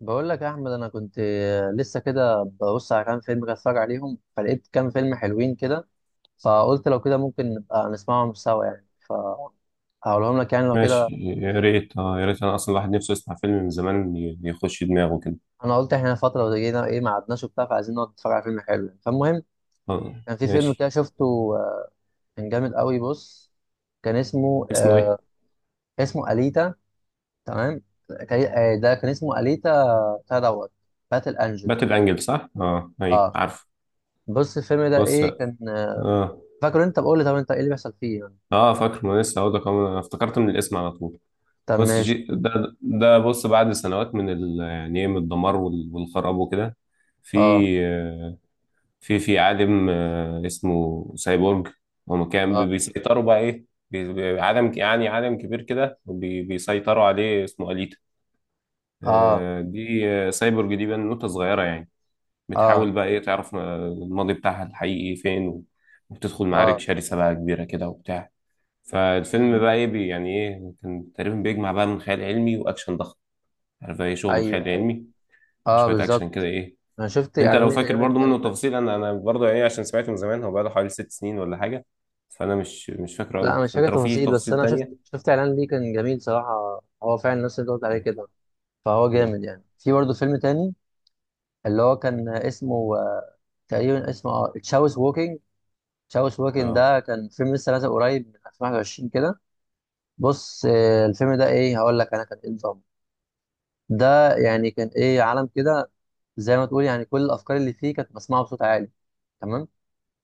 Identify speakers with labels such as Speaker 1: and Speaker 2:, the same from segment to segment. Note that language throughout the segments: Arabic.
Speaker 1: بقول لك يا احمد انا كنت لسه كده ببص على كام فيلم كده اتفرج عليهم فلقيت كام فيلم حلوين كده. فقلت لو كده ممكن نبقى نسمعهم سوا يعني. فهقولهم لك يعني لو
Speaker 2: ماشي،
Speaker 1: كده.
Speaker 2: يا ريت يا ريت، انا اصلا الواحد نفسه يسمع فيلم من زمان يخش دماغه كده.
Speaker 1: انا قلت احنا فتره جينا ايه ما قعدناش وبتاع فعايزين نقعد نتفرج على فيلم حلو يعني. فالمهم
Speaker 2: اه،
Speaker 1: كان في فيلم كده
Speaker 2: ماشي.
Speaker 1: شفته كان جامد قوي. بص كان اسمه
Speaker 2: اسمه ايه؟
Speaker 1: اسمه اليتا. تمام. ده كان اسمه اليتا بتاع دوت باتل انجل.
Speaker 2: باتل انجل صح؟ اه، اي
Speaker 1: اه،
Speaker 2: عارف.
Speaker 1: بص الفيلم ده
Speaker 2: بص،
Speaker 1: ايه كان
Speaker 2: اه.
Speaker 1: فاكر انت بقول لي طب انت ايه اللي بيحصل فيه يعني.
Speaker 2: اه، فاكر ما لسه هقول لك أهو، انا افتكرت من الاسم على طول.
Speaker 1: طب
Speaker 2: بص،
Speaker 1: ماشي.
Speaker 2: جي ده، بص، بعد سنوات يعني ايه من الدمار والخراب وكده. في،
Speaker 1: اه،
Speaker 2: آه، في عالم، اسمه سايبورج. هم كان
Speaker 1: اه،
Speaker 2: بيسيطروا بقى ايه، عالم يعني عالم كبير كده بيسيطروا عليه، اسمه أليتا.
Speaker 1: اه،
Speaker 2: دي سايبورج دي بنوتة صغيرة يعني.
Speaker 1: اه،
Speaker 2: بتحاول بقى ايه تعرف الماضي بتاعها الحقيقي فين. وبتدخل معارك
Speaker 1: اه.
Speaker 2: شرسة بقى كبيرة كده وبتاع. فالفيلم
Speaker 1: مم.
Speaker 2: بقى ايه، يعني ايه كان تقريبا بيجمع بقى من خيال علمي واكشن ضخم. عارف بقى ايه شغل الخيال
Speaker 1: ايوه ايوه،
Speaker 2: العلمي،
Speaker 1: اه
Speaker 2: شوية اكشن كده
Speaker 1: بالظبط.
Speaker 2: ايه.
Speaker 1: انا شفت
Speaker 2: انت
Speaker 1: اعلان
Speaker 2: لو
Speaker 1: ليه
Speaker 2: فاكر
Speaker 1: تقريبا
Speaker 2: برضو منه
Speaker 1: كان.
Speaker 2: تفاصيل، انا برضو يعني عشان سمعته من زمان، هو بقى له حوالي 6 سنين ولا حاجة. فانا مش فاكره
Speaker 1: لا انا
Speaker 2: قوي،
Speaker 1: مش فاكر
Speaker 2: فانت لو في
Speaker 1: تفاصيل، بس
Speaker 2: تفاصيل
Speaker 1: انا شفت
Speaker 2: تانية.
Speaker 1: شفت اعلان ليه كان جميل صراحه. هو فعلا الناس اللي أنت قلت عليه كده فهو
Speaker 2: مم.
Speaker 1: جامد يعني. في برضه فيلم تاني اللي هو كان اسمه تقريبا اسمه اه تشاوس ووكينج. تشاوس ووكينج
Speaker 2: اه،
Speaker 1: ده كان فيلم لسه نازل قريب من 2021 كده. بص الفيلم ده ايه هقول لك انا كان ايه نظامه. ده يعني كان ايه عالم كده. زي ما تقول يعني كل الافكار اللي فيه كانت بسمعها بصوت عالي. تمام.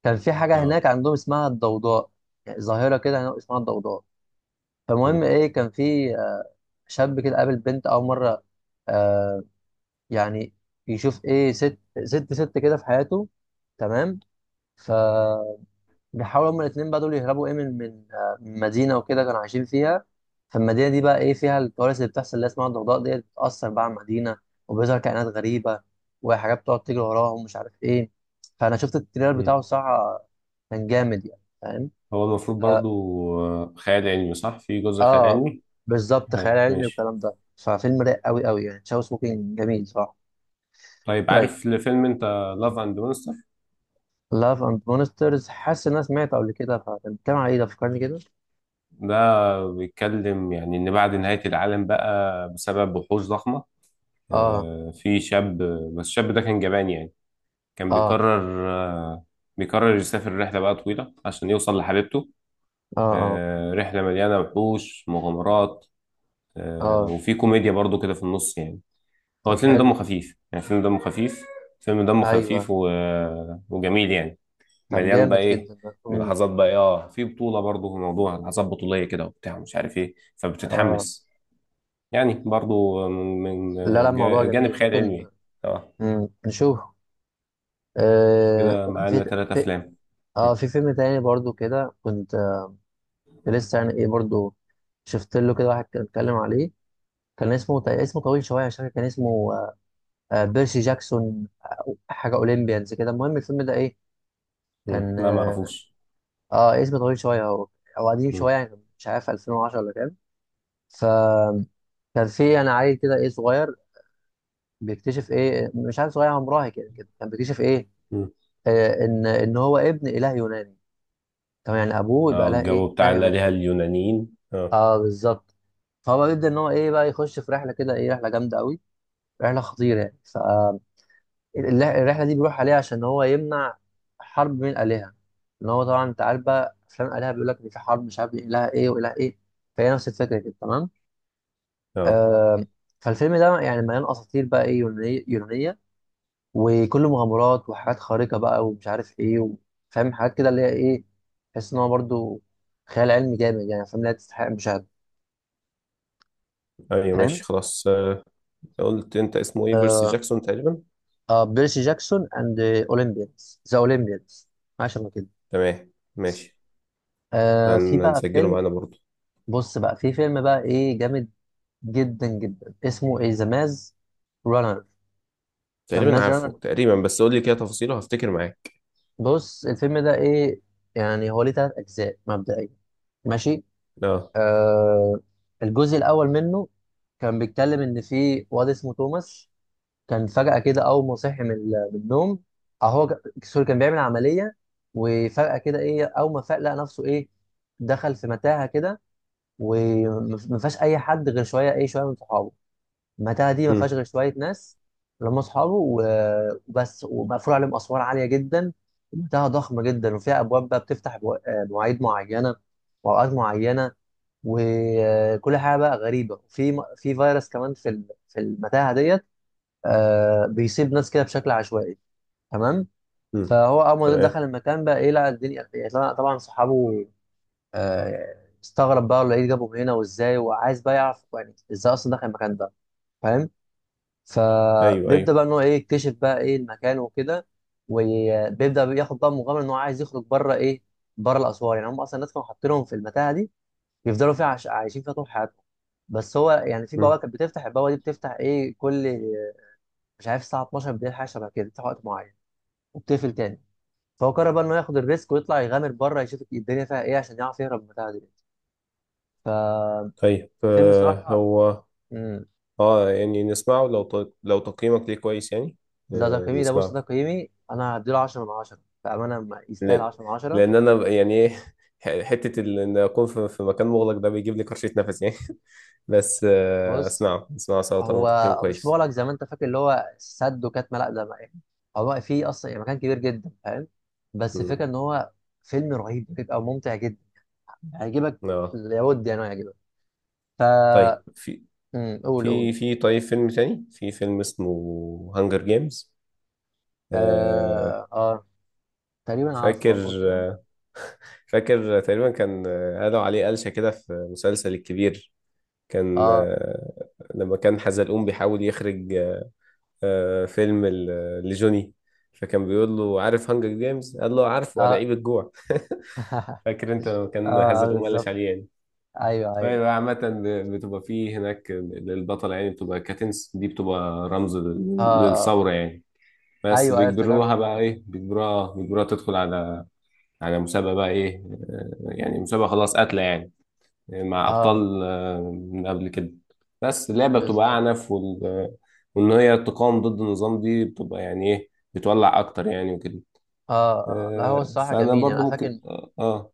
Speaker 1: كان في حاجه هناك
Speaker 2: اه.
Speaker 1: عندهم اسمها الضوضاء. يعني ظاهره كده هناك اسمها الضوضاء. فالمهم ايه كان في شاب كده قابل بنت اول مره. آه يعني يشوف ايه ست ست كده في حياته. تمام. ف بيحاولوا هما الاتنين بقى دول يهربوا ايه من من مدينة وكده كانوا عايشين فيها. فالمدينة دي بقى ايه فيها الكوارث اللي بتحصل اللي هي اسمها الضوضاء ديت بتأثر بقى على المدينة. وبيظهر كائنات غريبة وحاجات بتقعد تجري وراهم مش عارف ايه. فأنا شفت التريلر
Speaker 2: مم.
Speaker 1: بتاعه الصراحة كان جامد يعني فاهم.
Speaker 2: هو المفروض برضو،
Speaker 1: اه،
Speaker 2: خيال علمي صح، في جزء خيال
Speaker 1: آه
Speaker 2: علمي.
Speaker 1: بالظبط خيال علمي
Speaker 2: ماشي.
Speaker 1: والكلام ده. ففيلم رايق قوي قوي يعني تشاو سموكينج جميل صح.
Speaker 2: طيب،
Speaker 1: طيب،
Speaker 2: عارف الفيلم انت لاف اند مونستر؟
Speaker 1: لاف اند مونسترز حاسس ان انا سمعته قبل كده، فكان بيتكلم على ايه، ده فكرني كده.
Speaker 2: ده بيتكلم يعني ان بعد نهاية العالم بقى بسبب وحوش ضخمة،
Speaker 1: اه،
Speaker 2: في شاب. بس الشاب ده كان جبان يعني، كان
Speaker 1: اه،
Speaker 2: بيقرر يسافر رحلة بقى طويلة عشان يوصل لحبيبته.
Speaker 1: اه، اه،
Speaker 2: رحلة مليانة وحوش مغامرات.
Speaker 1: اه.
Speaker 2: وفي كوميديا برضو كده في النص يعني. هو
Speaker 1: طب
Speaker 2: الفيلم دمه
Speaker 1: حلو.
Speaker 2: خفيف يعني، فيلم دمه خفيف، فيلم دمه
Speaker 1: ايوه.
Speaker 2: خفيف وجميل يعني.
Speaker 1: طب
Speaker 2: مليان بقى
Speaker 1: جامد
Speaker 2: ايه
Speaker 1: جدا ده.
Speaker 2: لحظات بقى إيه، اه في بطولة برضه، موضوع لحظات بطولية كده وبتاع مش عارف ايه
Speaker 1: اه
Speaker 2: فبتتحمس، يعني برضه من
Speaker 1: لا لا،
Speaker 2: من
Speaker 1: الموضوع
Speaker 2: جانب
Speaker 1: جميل
Speaker 2: خيال علمي يعني.
Speaker 1: ممكن.
Speaker 2: اه.
Speaker 1: مم. نشوفه. آه
Speaker 2: كده
Speaker 1: وكان
Speaker 2: معانا ثلاثة افلام
Speaker 1: في
Speaker 2: مم.
Speaker 1: فيلم تاني برضو كده كنت لسه يعني ايه برضو شفت له كده واحد كان اتكلم عليه. كان اسمه اسمه طويل شويه مش فاكر كان اسمه بيرسي جاكسون حاجه اولمبيانز كده. المهم الفيلم ده ايه
Speaker 2: مم.
Speaker 1: كان
Speaker 2: لا، ما
Speaker 1: اه،
Speaker 2: اعرفوش.
Speaker 1: آه اسمه طويل شويه هو. او قديم شويه
Speaker 2: مم.
Speaker 1: يعني مش عارف 2010 ولا كام. فكان في يعني عيل كده ايه صغير بيكتشف ايه مش عارف. صغير هو مراهق يعني كده كان بيكتشف ايه
Speaker 2: مم.
Speaker 1: آه ان هو ابن اله يوناني. تمام يعني ابوه يبقى
Speaker 2: اه،
Speaker 1: اله
Speaker 2: الجو
Speaker 1: ايه اله
Speaker 2: بتاع
Speaker 1: يوناني.
Speaker 2: الآلهة اليونانيين، اه.
Speaker 1: اه بالظبط. فهو بيبدا ان هو ايه بقى يخش في رحله كده ايه رحله جامده قوي، رحله خطيره يعني. فالرحله دي بيروح عليها عشان هو يمنع حرب بين الالهه. ان هو طبعا انت عارف بقى افلام الالهه بيقول لك ان في حرب مش عارف بين اله ايه واله ايه. فهي نفس الفكره كده تمام.
Speaker 2: اه،
Speaker 1: آه فالفيلم ده يعني مليان اساطير بقى ايه يونانيه يونانيه. وكله مغامرات وحاجات خارقة بقى ومش عارف ايه و- فاهم حاجات كده اللي هي ايه. تحس ان هو برضه خيال علمي جامد يعني فاهم. لا تستحق المشاهدة
Speaker 2: ايوه، ماشي
Speaker 1: فاهم.
Speaker 2: خلاص. قلت انت اسمه ايه، بيرسي
Speaker 1: آه.
Speaker 2: جاكسون تقريبا؟
Speaker 1: آه بيرسي جاكسون اند اولمبيانز ذا اولمبيانز حاجة شبه كده.
Speaker 2: تمام، ماشي.
Speaker 1: آه في بقى
Speaker 2: هنسجله
Speaker 1: فيلم.
Speaker 2: معانا برضه.
Speaker 1: بص بقى في فيلم بقى ايه جامد جدا جدا اسمه ايه ذا ماز رانر. ذا
Speaker 2: تقريبا
Speaker 1: ماز رانر.
Speaker 2: عارفه تقريبا، بس قول لي كده تفاصيله هفتكر معاك.
Speaker 1: بص الفيلم ده ايه يعني هو ليه تلات اجزاء مبدئيا. ماشي.
Speaker 2: اه.
Speaker 1: آه الجزء الاول منه كان بيتكلم ان في واد اسمه توماس. كان فجأة كده اول ما صحي من النوم. سوري كان بيعمل عملية. وفجأة كده ايه اول ما فاق لقى نفسه ايه دخل في متاهة كده. وما فيهاش اي حد غير شوية ايه شوية من صحابه. المتاهه دي ما فيهاش
Speaker 2: امم.
Speaker 1: غير شويه ناس اللي هم اصحابه و- وبس ومقفول عليهم اسوار عاليه جدا. ومتاهه ضخمه جدا وفيها ابواب بقى بتفتح مواعيد معينه واوقات معينه. وكل حاجه بقى غريبه في فيروس كمان في المتاهه ديت بيصيب ناس كده بشكل عشوائي. تمام.
Speaker 2: امم.
Speaker 1: فهو اول ما دخل
Speaker 2: تمام.
Speaker 1: المكان بقى ايه لقى الدنيا يعني طبعا طبعاً صحابه. آه، استغرب بقى ولا ايه جابهم هنا وازاي وعايز بقى يعرف يعني ازاي اصلا دخل المكان ده فاهم.
Speaker 2: ايوه،
Speaker 1: فبيبدا
Speaker 2: ايوه.
Speaker 1: بقى ان هو ايه يكتشف بقى ايه المكان وكده. وبيبدا ياخد بقى مغامره ان هو عايز يخرج بره ايه بره الاسوار. يعني هم اصلا الناس كانوا حاطينهم في المتاهه دي بيفضلوا فيها عايشين فيها طول حياتهم. بس هو يعني في بوابه
Speaker 2: امم.
Speaker 1: كانت بتفتح، البوابه دي بتفتح ايه كل مش عارف الساعه 12 بالليل حاجه شبه كده بتفتح وقت معين وبتقفل تاني. فهو قرر بقى انه ياخد الريسك ويطلع يغامر بره يشوف الدنيا فيها ايه عشان يعرف يهرب من المتاهه دي.
Speaker 2: طيب،
Speaker 1: فالفيلم الصراحه
Speaker 2: هو
Speaker 1: امم.
Speaker 2: اه يعني نسمعه لو لو تقييمك ليه كويس يعني.
Speaker 1: ده
Speaker 2: آه،
Speaker 1: تقييمي، ده بص
Speaker 2: نسمعه.
Speaker 1: ده تقييمي انا هديله 10 من 10. بامانه يستاهل
Speaker 2: لأن...
Speaker 1: 10 من 10.
Speaker 2: لان انا يعني ايه. حته ان اكون في مكان مغلق ده بيجيب لي كرشه نفس يعني. بس،
Speaker 1: بص
Speaker 2: اسمعه اسمعه سوا طالما تقييم
Speaker 1: هو مش
Speaker 2: كويس.
Speaker 1: مغلق زي ما انت فاكر اللي هو سد وكاتمه، لا ده يعني. هو في اصلا يعني مكان كبير جدا فاهم. بس الفكره
Speaker 2: امم.
Speaker 1: ان هو فيلم رهيب بيبقى ممتع جدا هيعجبك.
Speaker 2: اه.
Speaker 1: لابد يعني هو يعجبك. ف
Speaker 2: طيب في
Speaker 1: قول قول.
Speaker 2: طيب فيلم تاني، في فيلم اسمه هانجر جيمز.
Speaker 1: اه اه، تقريبا عارفه،
Speaker 2: فاكر
Speaker 1: اقول كده.
Speaker 2: فاكر تقريبا كان قالوا عليه قلشة كده في مسلسل الكبير. كان
Speaker 1: اه
Speaker 2: آه، لما كان حزلقوم بيحاول يخرج. فيلم لجوني. فكان بيقول له عارف هانجر جيمز؟ قال له عارفه،
Speaker 1: اه.
Speaker 2: لعيب الجوع. فاكر انت لما كان
Speaker 1: اه
Speaker 2: حزلقوم قلش
Speaker 1: بالظبط.
Speaker 2: عليه يعني.
Speaker 1: ايوه ايوه
Speaker 2: فهي بقى عامة، بتبقى فيه هناك البطلة يعني، بتبقى كاتنس دي بتبقى رمز
Speaker 1: اه اه.
Speaker 2: للثورة يعني. بس
Speaker 1: ايوه ايوه افتكرت.
Speaker 2: بيجبروها بقى ايه، بيجبروها تدخل على مسابقة بقى إيه، يعني مسابقة خلاص قاتلة يعني، مع
Speaker 1: اه
Speaker 2: أبطال من قبل كده. بس اللعبة بتبقى
Speaker 1: بالظبط.
Speaker 2: أعنف وإن هي تقاوم ضد النظام دي بتبقى يعني إيه، بتولع أكتر يعني وكده.
Speaker 1: اه اه. لا هو الصراحه
Speaker 2: فأنا
Speaker 1: جميل يعني
Speaker 2: برضو
Speaker 1: انا
Speaker 2: ممكن.
Speaker 1: فاكر.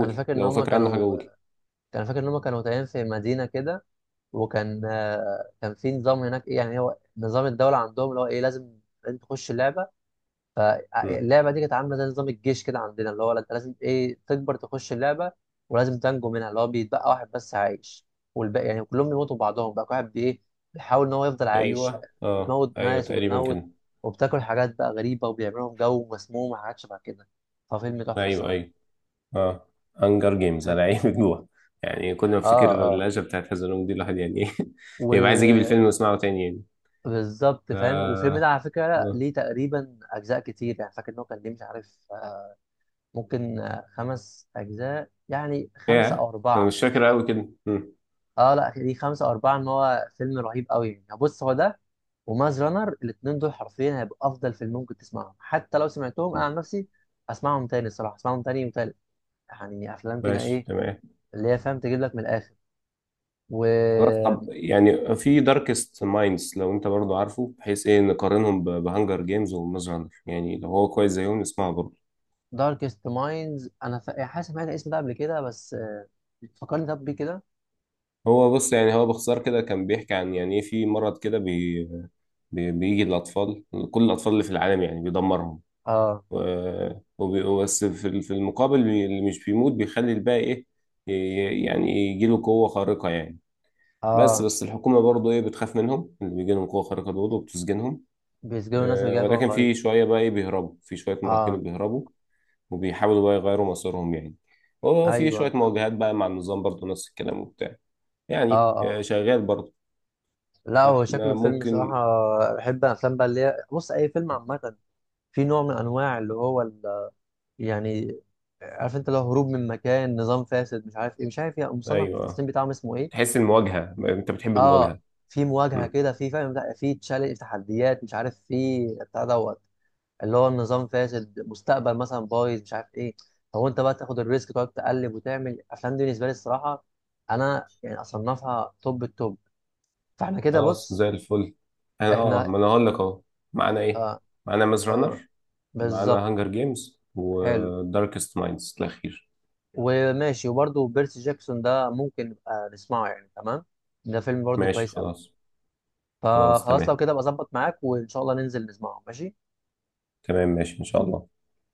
Speaker 1: انا فاكر ان
Speaker 2: لو
Speaker 1: هم
Speaker 2: فاكر عنها حاجة،
Speaker 1: كانوا
Speaker 2: قول.
Speaker 1: انا فاكر ان هم كانوا تقريبا في مدينه كده. وكان كان في نظام هناك ايه يعني هو نظام الدوله عندهم اللي هو ايه لازم انت تخش اللعبه.
Speaker 2: مم.
Speaker 1: فاللعبه دي كانت عامله زي نظام الجيش كده عندنا اللي هو انت لازم ايه تكبر تخش اللعبه. ولازم تنجو منها اللي هو بيتبقى واحد بس عايش. والباقي يعني كلهم بيموتوا بعضهم بقى كل واحد بايه بيحاول ان هو يفضل عايش.
Speaker 2: أيوه،
Speaker 1: بتموت
Speaker 2: أيوه
Speaker 1: ناس
Speaker 2: تقريبا
Speaker 1: وبتموت
Speaker 2: كده.
Speaker 1: وبتاكل حاجات بقى غريبه وبيعملوا لهم جو مسموم وحاجات شبه كده. ففيلم تحفه
Speaker 2: أيوه،
Speaker 1: الصراحه
Speaker 2: أيوه، آه. هانجر جيمز،
Speaker 1: فاهم.
Speaker 2: أنا عيب جوع يعني، كل ما أفتكر
Speaker 1: اه
Speaker 2: اللهجة بتاعت حزلوم دي، الواحد يعني إيه. يبقى عايز أجيب
Speaker 1: اه
Speaker 2: الفيلم وأسمعه تاني يعني.
Speaker 1: بالظبط فاهم. والفيلم
Speaker 2: ف...
Speaker 1: ده على فكرة
Speaker 2: آه.
Speaker 1: ليه تقريبا أجزاء كتير، يعني فاكر إن هو كان ليه مش عارف ممكن خمس أجزاء يعني خمسة
Speaker 2: ياه.
Speaker 1: أو
Speaker 2: انا
Speaker 1: أربعة.
Speaker 2: مش فاكر قوي كده. مم.
Speaker 1: أه لا ليه خمسة أو أربعة إن هو فيلم رهيب أوي يعني. يعني بص هو ده وماز رانر الاتنين دول حرفيا هيبقوا أفضل فيلم ممكن تسمعهم. حتى لو سمعتهم أنا عن نفسي أسمعهم تاني الصراحة، أسمعهم تاني وتالت. يعني أفلام كده
Speaker 2: ماشي
Speaker 1: إيه
Speaker 2: تمام.
Speaker 1: اللي هي فاهم تجيب لك من الآخر. و
Speaker 2: خلاص، طب يعني في داركست مايندز لو انت برضو عارفه، بحيث ايه نقارنهم بهانجر جيمز وماز رانر يعني، لو هو كويس زيهم نسمعه برضه.
Speaker 1: داركست مايندز أنا حاسس سمعت الاسم ده قبل كده بس فكرني طب بيه كده.
Speaker 2: هو بص يعني، هو باختصار كده كان بيحكي عن يعني ايه، في مرض كده بي بي بيجي للاطفال، كل الاطفال اللي في العالم يعني بيدمرهم.
Speaker 1: اه
Speaker 2: و- بس في في المقابل، اللي مش بيموت بيخلي الباقي ايه، يعني يجيله قوة خارقة يعني. بس
Speaker 1: اه.
Speaker 2: بس الحكومة برضو إيه بتخاف منهم، اللي بيجي لهم قوة خارقة دول وبتسجنهم.
Speaker 1: بيسجنوا الناس اللي جايه جوه
Speaker 2: ولكن
Speaker 1: الخريطة.
Speaker 2: في شوية بقى إيه بيهربوا، في شوية
Speaker 1: اه.
Speaker 2: مراهقين بيهربوا، وبيحاولوا بقى يغيروا مصيرهم يعني. وفي
Speaker 1: ايوه.
Speaker 2: شوية مواجهات بقى مع النظام برضو نفس الكلام وبتاع،
Speaker 1: اه
Speaker 2: يعني
Speaker 1: اه.
Speaker 2: شغال برضو.
Speaker 1: لا هو شكله
Speaker 2: فإحنا
Speaker 1: فيلم صراحة.
Speaker 2: ممكن.
Speaker 1: بحب الافلام بقى اللي هي بص اي فيلم عامة في نوع من انواع اللي هو ال... يعني عارف انت لو هروب من مكان نظام فاسد مش عارف ايه مش عارف ايه، مصنف
Speaker 2: أيوه،
Speaker 1: التصنيف بتاعهم اسمه ايه.
Speaker 2: تحس المواجهة، أنت بتحب
Speaker 1: اه
Speaker 2: المواجهة.
Speaker 1: في مواجهة
Speaker 2: مم.
Speaker 1: كده، في فاهم لا في تشالنج تحديات مش عارف، في بتاع دوت اللي هو النظام فاسد مستقبل مثلا بايظ مش عارف ايه. فهو انت بقى تاخد الريسك تقعد تقلب وتعمل افلام دي بالنسبه لي الصراحه انا يعني اصنفها توب التوب. فاحنا كده
Speaker 2: خلاص،
Speaker 1: بص
Speaker 2: زي الفل. أنا
Speaker 1: احنا
Speaker 2: ما أنا هقول لك أهو. معانا إيه؟
Speaker 1: آه
Speaker 2: معانا ماز
Speaker 1: أو-
Speaker 2: رانر، معانا
Speaker 1: بالظبط.
Speaker 2: هانجر جيمز
Speaker 1: حلو
Speaker 2: وداركست مايندز الأخير.
Speaker 1: وماشي وبرده بيرسي جاكسون ده ممكن نبقى نسمعه يعني تمام. ده فيلم برده
Speaker 2: ماشي،
Speaker 1: كويس قوي.
Speaker 2: خلاص. خلاص،
Speaker 1: فخلاص لو
Speaker 2: تمام.
Speaker 1: كده ابقى اظبط معاك وان شاء الله ننزل نسمعه ماشي
Speaker 2: تمام، ماشي إن شاء الله.